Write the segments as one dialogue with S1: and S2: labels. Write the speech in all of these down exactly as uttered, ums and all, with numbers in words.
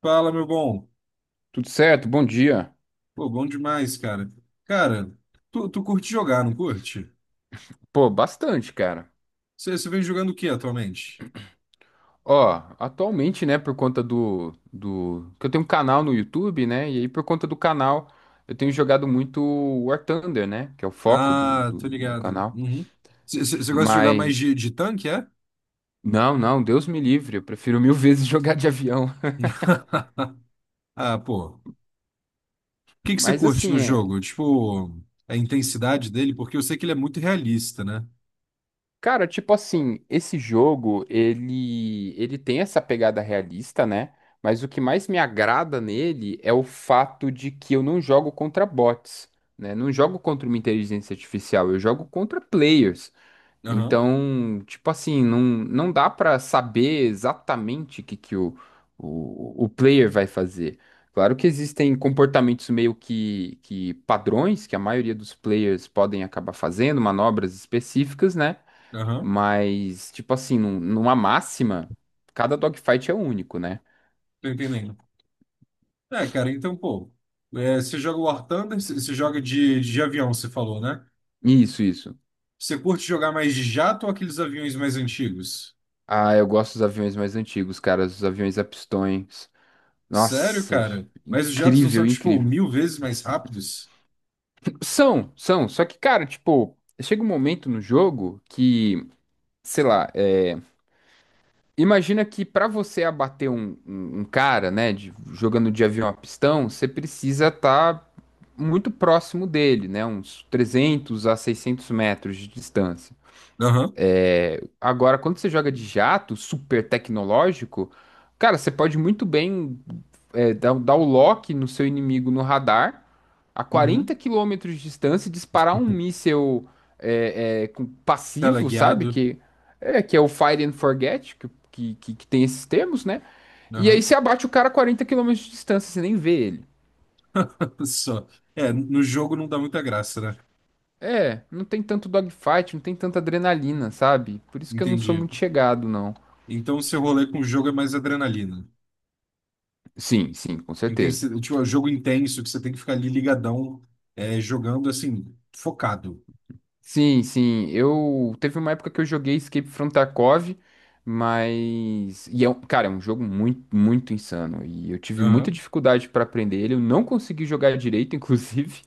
S1: Fala, meu bom.
S2: Tudo certo, bom dia.
S1: Pô, bom demais, cara. Cara, tu, tu curte jogar, não curte?
S2: Pô, bastante, cara.
S1: Você vem jogando o que atualmente?
S2: Ó, atualmente, né, por conta do, do... que eu tenho um canal no YouTube, né, e aí por conta do canal eu tenho jogado muito War Thunder, né, que é o foco do,
S1: Ah,
S2: do
S1: tô
S2: meu
S1: ligado.
S2: canal.
S1: Uhum. Você gosta de jogar
S2: Mas,
S1: mais de, de tanque, é?
S2: não, não, Deus me livre, eu prefiro mil vezes jogar de avião.
S1: Ah, pô. O que que você
S2: Mas
S1: curte no
S2: assim, é.
S1: jogo? Tipo, a intensidade dele, porque eu sei que ele é muito realista, né?
S2: Cara, tipo assim, esse jogo, ele, ele tem essa pegada realista, né? Mas o que mais me agrada nele é o fato de que eu não jogo contra bots, né? Não jogo contra uma inteligência artificial, eu jogo contra players.
S1: Aham,
S2: Então, tipo assim, não, não dá pra saber exatamente o que, que o, o, o player vai fazer. Claro que existem comportamentos meio que, que padrões que a maioria dos players podem acabar fazendo, manobras específicas, né?
S1: aham.
S2: Mas, tipo assim, num- numa máxima, cada dogfight é único, né?
S1: Tô entendendo. É, cara, então, pô. É, você joga War Thunder, você você joga de, de avião, você falou, né?
S2: Isso, isso.
S1: Você curte jogar mais de jato ou aqueles aviões mais antigos?
S2: Ah, eu gosto dos aviões mais antigos, cara, os aviões a pistões.
S1: Sério,
S2: Nossa,
S1: cara? Mas os jatos não são,
S2: incrível,
S1: tipo,
S2: incrível.
S1: mil vezes mais rápidos?
S2: São, são, só que, cara, tipo, chega um momento no jogo que, sei lá, é, imagina que pra você abater um, um- um cara, né, de- jogando de avião a pistão, você precisa estar muito próximo dele, né, uns trezentos a seiscentos metros de distância.
S1: Aham.
S2: Agora, quando você joga de jato, super tecnológico, cara, você pode muito bem é, dar, um, dar o lock no seu inimigo no radar, a quarenta
S1: Uhum.
S2: quilômetros de distância, e disparar
S1: Tipo,
S2: um míssel é, é, com- passivo, sabe?
S1: teleguiado?
S2: Que é, que é o Fire and Forget, que, que, que- que tem esses termos, né? E aí
S1: Aham.
S2: você abate o cara a quarenta quilômetros de distância, você nem vê ele.
S1: Só. É, no jogo não dá muita graça, né?
S2: É, não tem tanto dogfight, não tem tanta adrenalina, sabe? Por isso que eu não sou
S1: Entendi.
S2: muito chegado, não.
S1: Então, seu rolê com o jogo é mais adrenalina.
S2: Sim, sim, com certeza.
S1: Intensi... Tipo, é um jogo intenso que você tem que ficar ali ligadão, é, jogando, assim, focado.
S2: Sim, sim. Eu teve uma época que eu joguei Escape from Tarkov, mas e é um, cara, é um jogo muito, muito insano e eu tive muita
S1: Aham.
S2: dificuldade para aprender ele. Eu não consegui jogar direito, inclusive.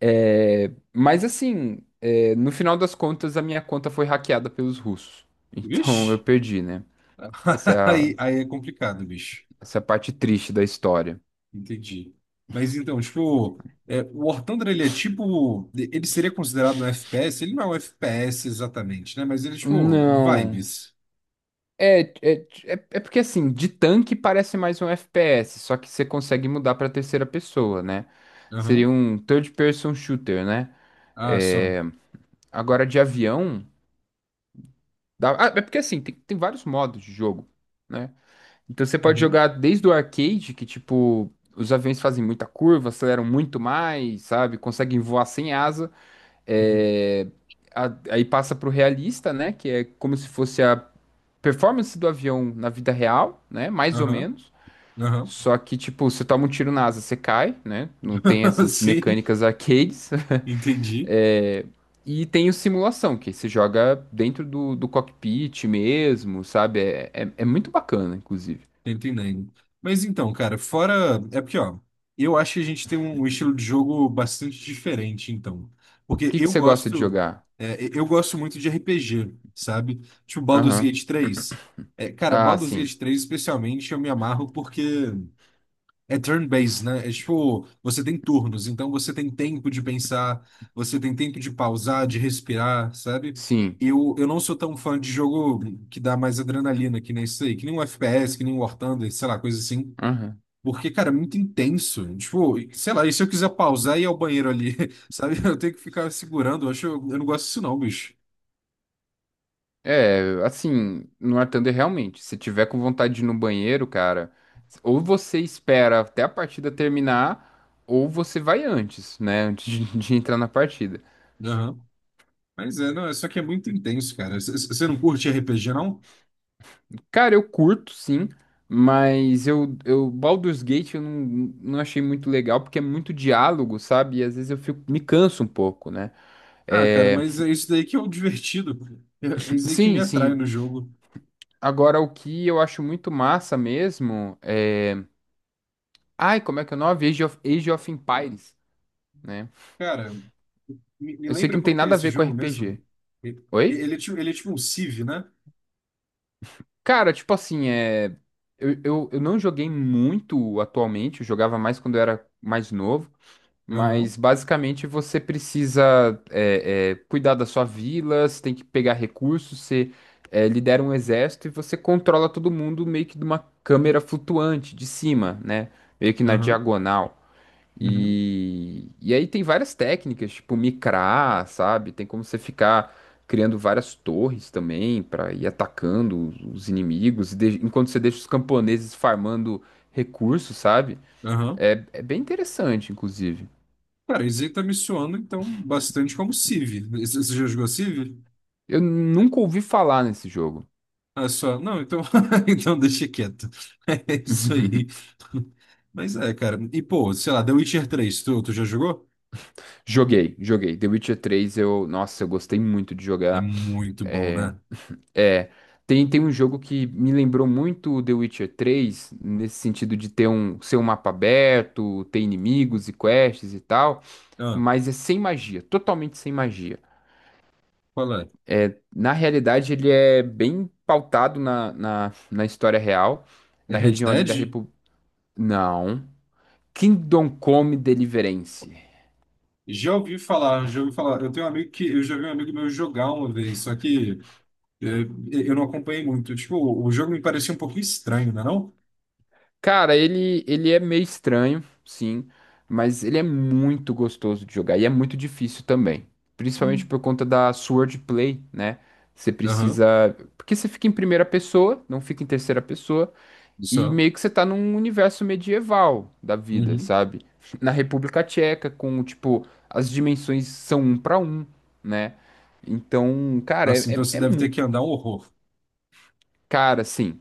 S2: É, mas assim, é, no final das contas, a minha conta foi hackeada pelos russos. Então eu
S1: Vixe.
S2: perdi, né? Essa é a,
S1: Aí, aí é complicado, bicho.
S2: essa é a parte triste da história.
S1: Entendi. Mas então, tipo, é, o War Thunder, ele é tipo. Ele seria considerado um F P S? Ele não é um F P S exatamente, né? Mas ele é tipo
S2: Não.
S1: vibes.
S2: É, é, é, é porque assim, de tanque parece mais um F P S, só que você consegue mudar pra terceira pessoa, né? Seria
S1: Aham.
S2: um third person shooter, né?
S1: Ah, só.
S2: É, agora de avião. dá- Ah, é porque assim, tem, tem vários modos de jogo, né? Então você pode
S1: Uhum.
S2: jogar desde o arcade, que tipo, os aviões fazem muita curva, aceleram muito mais, sabe? Conseguem voar sem asa.
S1: Uhum.
S2: É, a- aí passa pro realista, né? Que é como se fosse a performance do avião na vida real, né? Mais ou
S1: Aham.
S2: menos.
S1: Aham.
S2: Só que, tipo, você toma um tiro na asa, você cai, né? Não tem essas
S1: Sim,
S2: mecânicas arcades.
S1: entendi.
S2: É, E tem o simulação, que você joga dentro do, do cockpit mesmo, sabe? É, é, é muito bacana, inclusive. O
S1: Tô entendendo. Mas então, cara, fora. É porque, ó, eu acho que a gente tem um estilo de jogo bastante diferente, então. Porque
S2: que que
S1: eu
S2: você gosta de
S1: gosto.
S2: jogar?
S1: É, eu gosto muito de R P G, sabe? Tipo Baldur's
S2: Aham.
S1: Gate três. É, cara,
S2: Ah,
S1: Baldur's Gate
S2: sim.
S1: três, especialmente, eu me amarro porque. É turn-based, né? É tipo, você tem turnos, então você tem tempo de pensar, você tem tempo de pausar, de respirar, sabe?
S2: Sim.
S1: Eu, eu não sou tão fã de jogo que dá mais adrenalina, que nem isso aí, que nem um F P S, que nem um War Thunder, sei lá, coisa assim.
S2: Aham.
S1: Porque, cara, é muito intenso. Tipo, sei lá, e se eu quiser pausar e ir ao banheiro ali, sabe? Eu tenho que ficar segurando, eu acho, eu não gosto disso não, bicho.
S2: É, assim, no War Thunder, realmente, se tiver com vontade de ir no banheiro, cara, ou você espera até a partida terminar, ou você vai antes, né? Antes de de entrar na partida.
S1: Aham. Mas é, não, é só que é muito intenso, cara. C- c- Você não curte R P G, não?
S2: Cara, eu curto, sim, mas eu, eu Baldur's Gate eu não, não, achei muito legal porque é muito diálogo, sabe? E às vezes eu fico, me canso um pouco, né?
S1: Ah, cara,
S2: É,
S1: mas é isso daí que é o divertido. É é isso aí que me
S2: sim,
S1: atrai no
S2: sim.
S1: jogo.
S2: Agora, o que eu acho muito massa mesmo é. Ai, como é que é o nome? Age of, Age of Empires, né?
S1: Cara, me, me
S2: Eu sei que
S1: lembra
S2: não tem
S1: como que é
S2: nada a
S1: esse
S2: ver com
S1: jogo mesmo?
S2: R P G.
S1: Ele,
S2: Oi?
S1: ele, é tipo, ele é tipo um Civ, né?
S2: Cara, tipo assim, é. Eu, eu, eu não joguei muito atualmente, eu jogava mais quando eu era mais novo. Mas
S1: Aham,
S2: basicamente você precisa é, é, cuidar da sua vila, você tem que pegar recursos, você é, lidera um exército e você controla todo mundo meio que de uma câmera flutuante de cima, né? Meio que na
S1: aham,
S2: diagonal.
S1: uhum,
S2: E, e aí tem várias técnicas, tipo micrar, sabe? Tem como você ficar criando várias torres também para ir atacando os os inimigos, e de- enquanto você deixa os camponeses farmando recursos, sabe?
S1: aham.
S2: É, é bem interessante, inclusive.
S1: Cara, isso aí tá me soando, então, bastante como Civ. Você você já jogou Civ?
S2: Eu nunca ouvi falar nesse jogo.
S1: Ah, só. Não, então, então deixa quieto. É isso aí. Mas é, cara. E, pô, sei lá, The Witcher três. tu, tu já jogou?
S2: Joguei, joguei. The Witcher três, eu, nossa, eu gostei muito de
S1: É
S2: jogar.
S1: muito bom,
S2: É,
S1: né?
S2: é, tem, tem um jogo que me lembrou muito o The Witcher três nesse sentido de ter um, ser um mapa aberto, ter inimigos e quests e tal,
S1: Ah,
S2: mas é sem magia, totalmente sem magia.
S1: qual é?
S2: É, na realidade, ele é bem pautado na, na, na história real,
S1: É
S2: na
S1: Red
S2: região ali da
S1: Dead?
S2: República. Não. Kingdom Come Deliverance.
S1: Já ouvi falar, já ouvi falar. Eu tenho um amigo que eu já vi um amigo meu jogar uma vez, só que é, eu não acompanhei muito. Tipo, o o jogo me parecia um pouco estranho, não é não?
S2: Cara, ele, ele é meio estranho, sim, mas ele é muito gostoso de jogar e é muito difícil também. Principalmente
S1: Hum.
S2: por conta da swordplay, né? Você
S1: Aham,
S2: precisa. Porque você fica em primeira pessoa, não fica em terceira pessoa,
S1: isso.
S2: e
S1: É.
S2: meio que você tá num universo medieval da vida,
S1: Uhum.
S2: sabe? Na República Tcheca, com, tipo, as dimensões são um pra um, né? Então, cara,
S1: Nossa,
S2: é,
S1: então
S2: é,
S1: você
S2: é
S1: deve ter
S2: mu-
S1: que andar um horror.
S2: Cara, sim,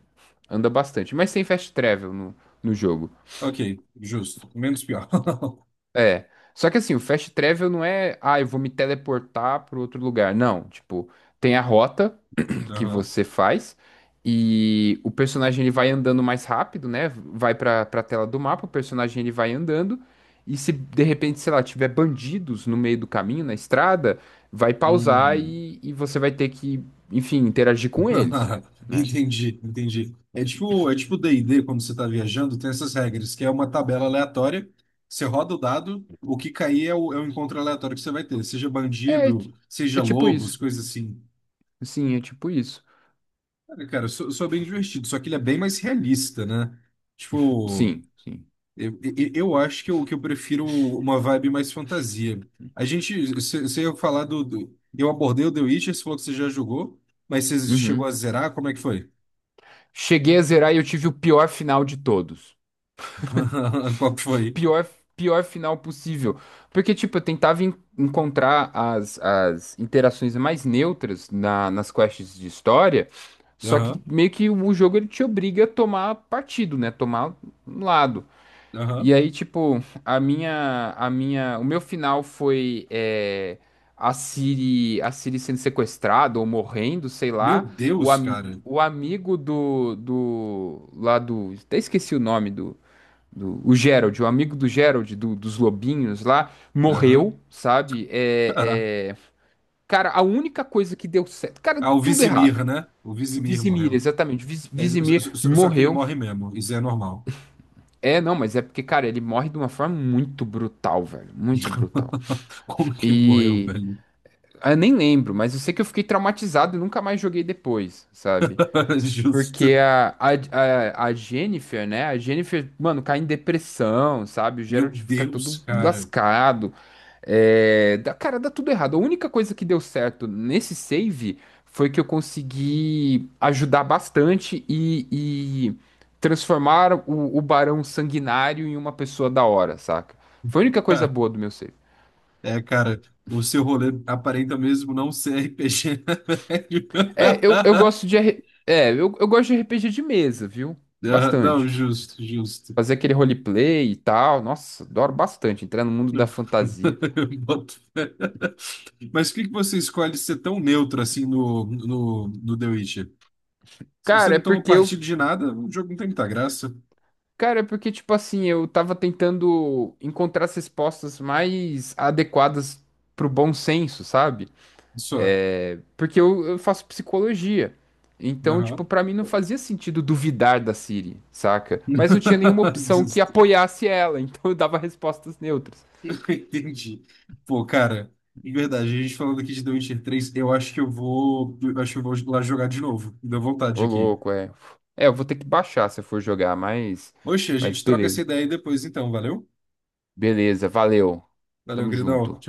S2: anda bastante, mas tem fast travel no, no jogo.
S1: Ok, justo. Menos pior.
S2: É. Só que assim, o fast travel não é, ah, eu vou me teleportar para outro lugar. Não, tipo, tem a rota que
S1: Aham.
S2: você faz e o personagem ele vai andando mais rápido, né? Vai para para tela do mapa, o personagem ele vai andando e se de repente, sei lá, tiver bandidos no meio do caminho, na estrada, vai pausar
S1: Hum.
S2: e, e você vai ter que, enfim, interagir com eles, né?
S1: Entendi, entendi. É tipo, é tipo D e D, quando você está viajando, tem essas regras, que é uma tabela aleatória, você roda o dado, o que cair é o, é o encontro aleatório que você vai ter, seja
S2: É, é
S1: bandido,
S2: ti-
S1: seja
S2: é tipo
S1: lobos,
S2: isso.
S1: coisa assim.
S2: Sim, é tipo isso.
S1: Cara, cara, sou, sou bem divertido, só que ele é bem mais realista, né? Tipo,
S2: Sim, sim.
S1: eu, eu, eu acho que eu, que eu prefiro uma vibe mais fantasia. A gente, você ia falar do, do- Eu abordei o The Witcher, você falou que você já jogou, mas você chegou a
S2: Uhum.
S1: zerar, como é que foi?
S2: Cheguei a zerar e eu tive o pior final de todos.
S1: Qual que
S2: O
S1: foi?
S2: pior, pior final possível. Porque, tipo, eu tentava en- encontrar as, as, interações mais neutras na- nas quests de história, só que
S1: Aham,
S2: meio que o jogo ele te obriga a tomar partido, né? Tomar um lado.
S1: aham.
S2: E aí, tipo, a minha, a minha, o meu final foi é, a Siri, a Siri sendo sequestrada ou morrendo, sei
S1: Meu
S2: lá. O,
S1: Deus,
S2: am,
S1: cara.
S2: o amigo do, do, lá do, até esqueci o nome do, do, o Gerald, o amigo do Gerald, do- dos lobinhos lá,
S1: Aham.
S2: morreu, sabe? É,
S1: Caraca.
S2: é, cara, a única coisa que deu certo, cara,
S1: Ah, o
S2: tudo errado.
S1: Vizimir, né? O Vizimir
S2: Vizimir,
S1: morreu.
S2: exatamente, Viz,
S1: É, só,
S2: Vizimir
S1: só- só- só que ele
S2: morreu.
S1: morre mesmo. Isso é normal.
S2: É, não, mas é porque, cara, ele morre de uma forma muito brutal, velho. Muito brutal.
S1: Como que ele morreu,
S2: E.
S1: velho?
S2: ah, Eu nem lembro, mas eu sei que eu fiquei traumatizado e nunca mais joguei depois, sabe?
S1: Justo.
S2: Porque a, a, a, a Jennifer, né? A Jennifer, mano, cai em depressão, sabe? O
S1: Meu
S2: Gerald fica
S1: Deus,
S2: todo
S1: cara.
S2: lascado. É, dá- cara, dá tudo errado. A única coisa que deu certo nesse save foi que eu consegui ajudar bastante e, e transformar o, o Barão Sanguinário em uma pessoa da hora, saca? Foi a única coisa
S1: Cara,
S2: boa do meu save.
S1: é, cara, o seu rolê aparenta mesmo não ser R P G, né, velho?
S2: É, eu, eu gosto de. R- É, eu, eu gosto de R P G de mesa, viu?
S1: Ah, não,
S2: Bastante.
S1: justo, justo.
S2: Fazer aquele roleplay e tal. Nossa, adoro bastante entrar no mundo
S1: Não.
S2: da fantasia.
S1: Boto fé. Mas por que que você escolhe ser tão neutro assim no, no, no The Witcher? Se você
S2: Cara, é
S1: não toma
S2: porque eu,
S1: partido de nada, o jogo não tem muita graça.
S2: cara, é porque tipo assim, eu tava tentando encontrar as respostas mais adequadas pro bom senso, sabe?
S1: Só.
S2: É, porque eu, eu faço psicologia. Então, tipo,
S1: Aham.
S2: pra mim não fazia sentido duvidar da Siri, saca? Mas não tinha nenhuma opção que
S1: Justo.
S2: apoiasse ela, então eu dava respostas neutras.
S1: Entendi. Pô, cara, de verdade, a gente falando aqui de The Witcher três, eu acho que eu vou, eu acho que eu vou lá jogar de novo. Me deu vontade
S2: Ô,
S1: aqui.
S2: louco, é. É, eu vou ter que baixar se eu for jogar, mas
S1: Oxe, a
S2: mas
S1: gente troca essa
S2: beleza.
S1: ideia aí depois então, valeu?
S2: Beleza, valeu.
S1: Valeu,
S2: Tamo
S1: queridão. Tchau,
S2: junto.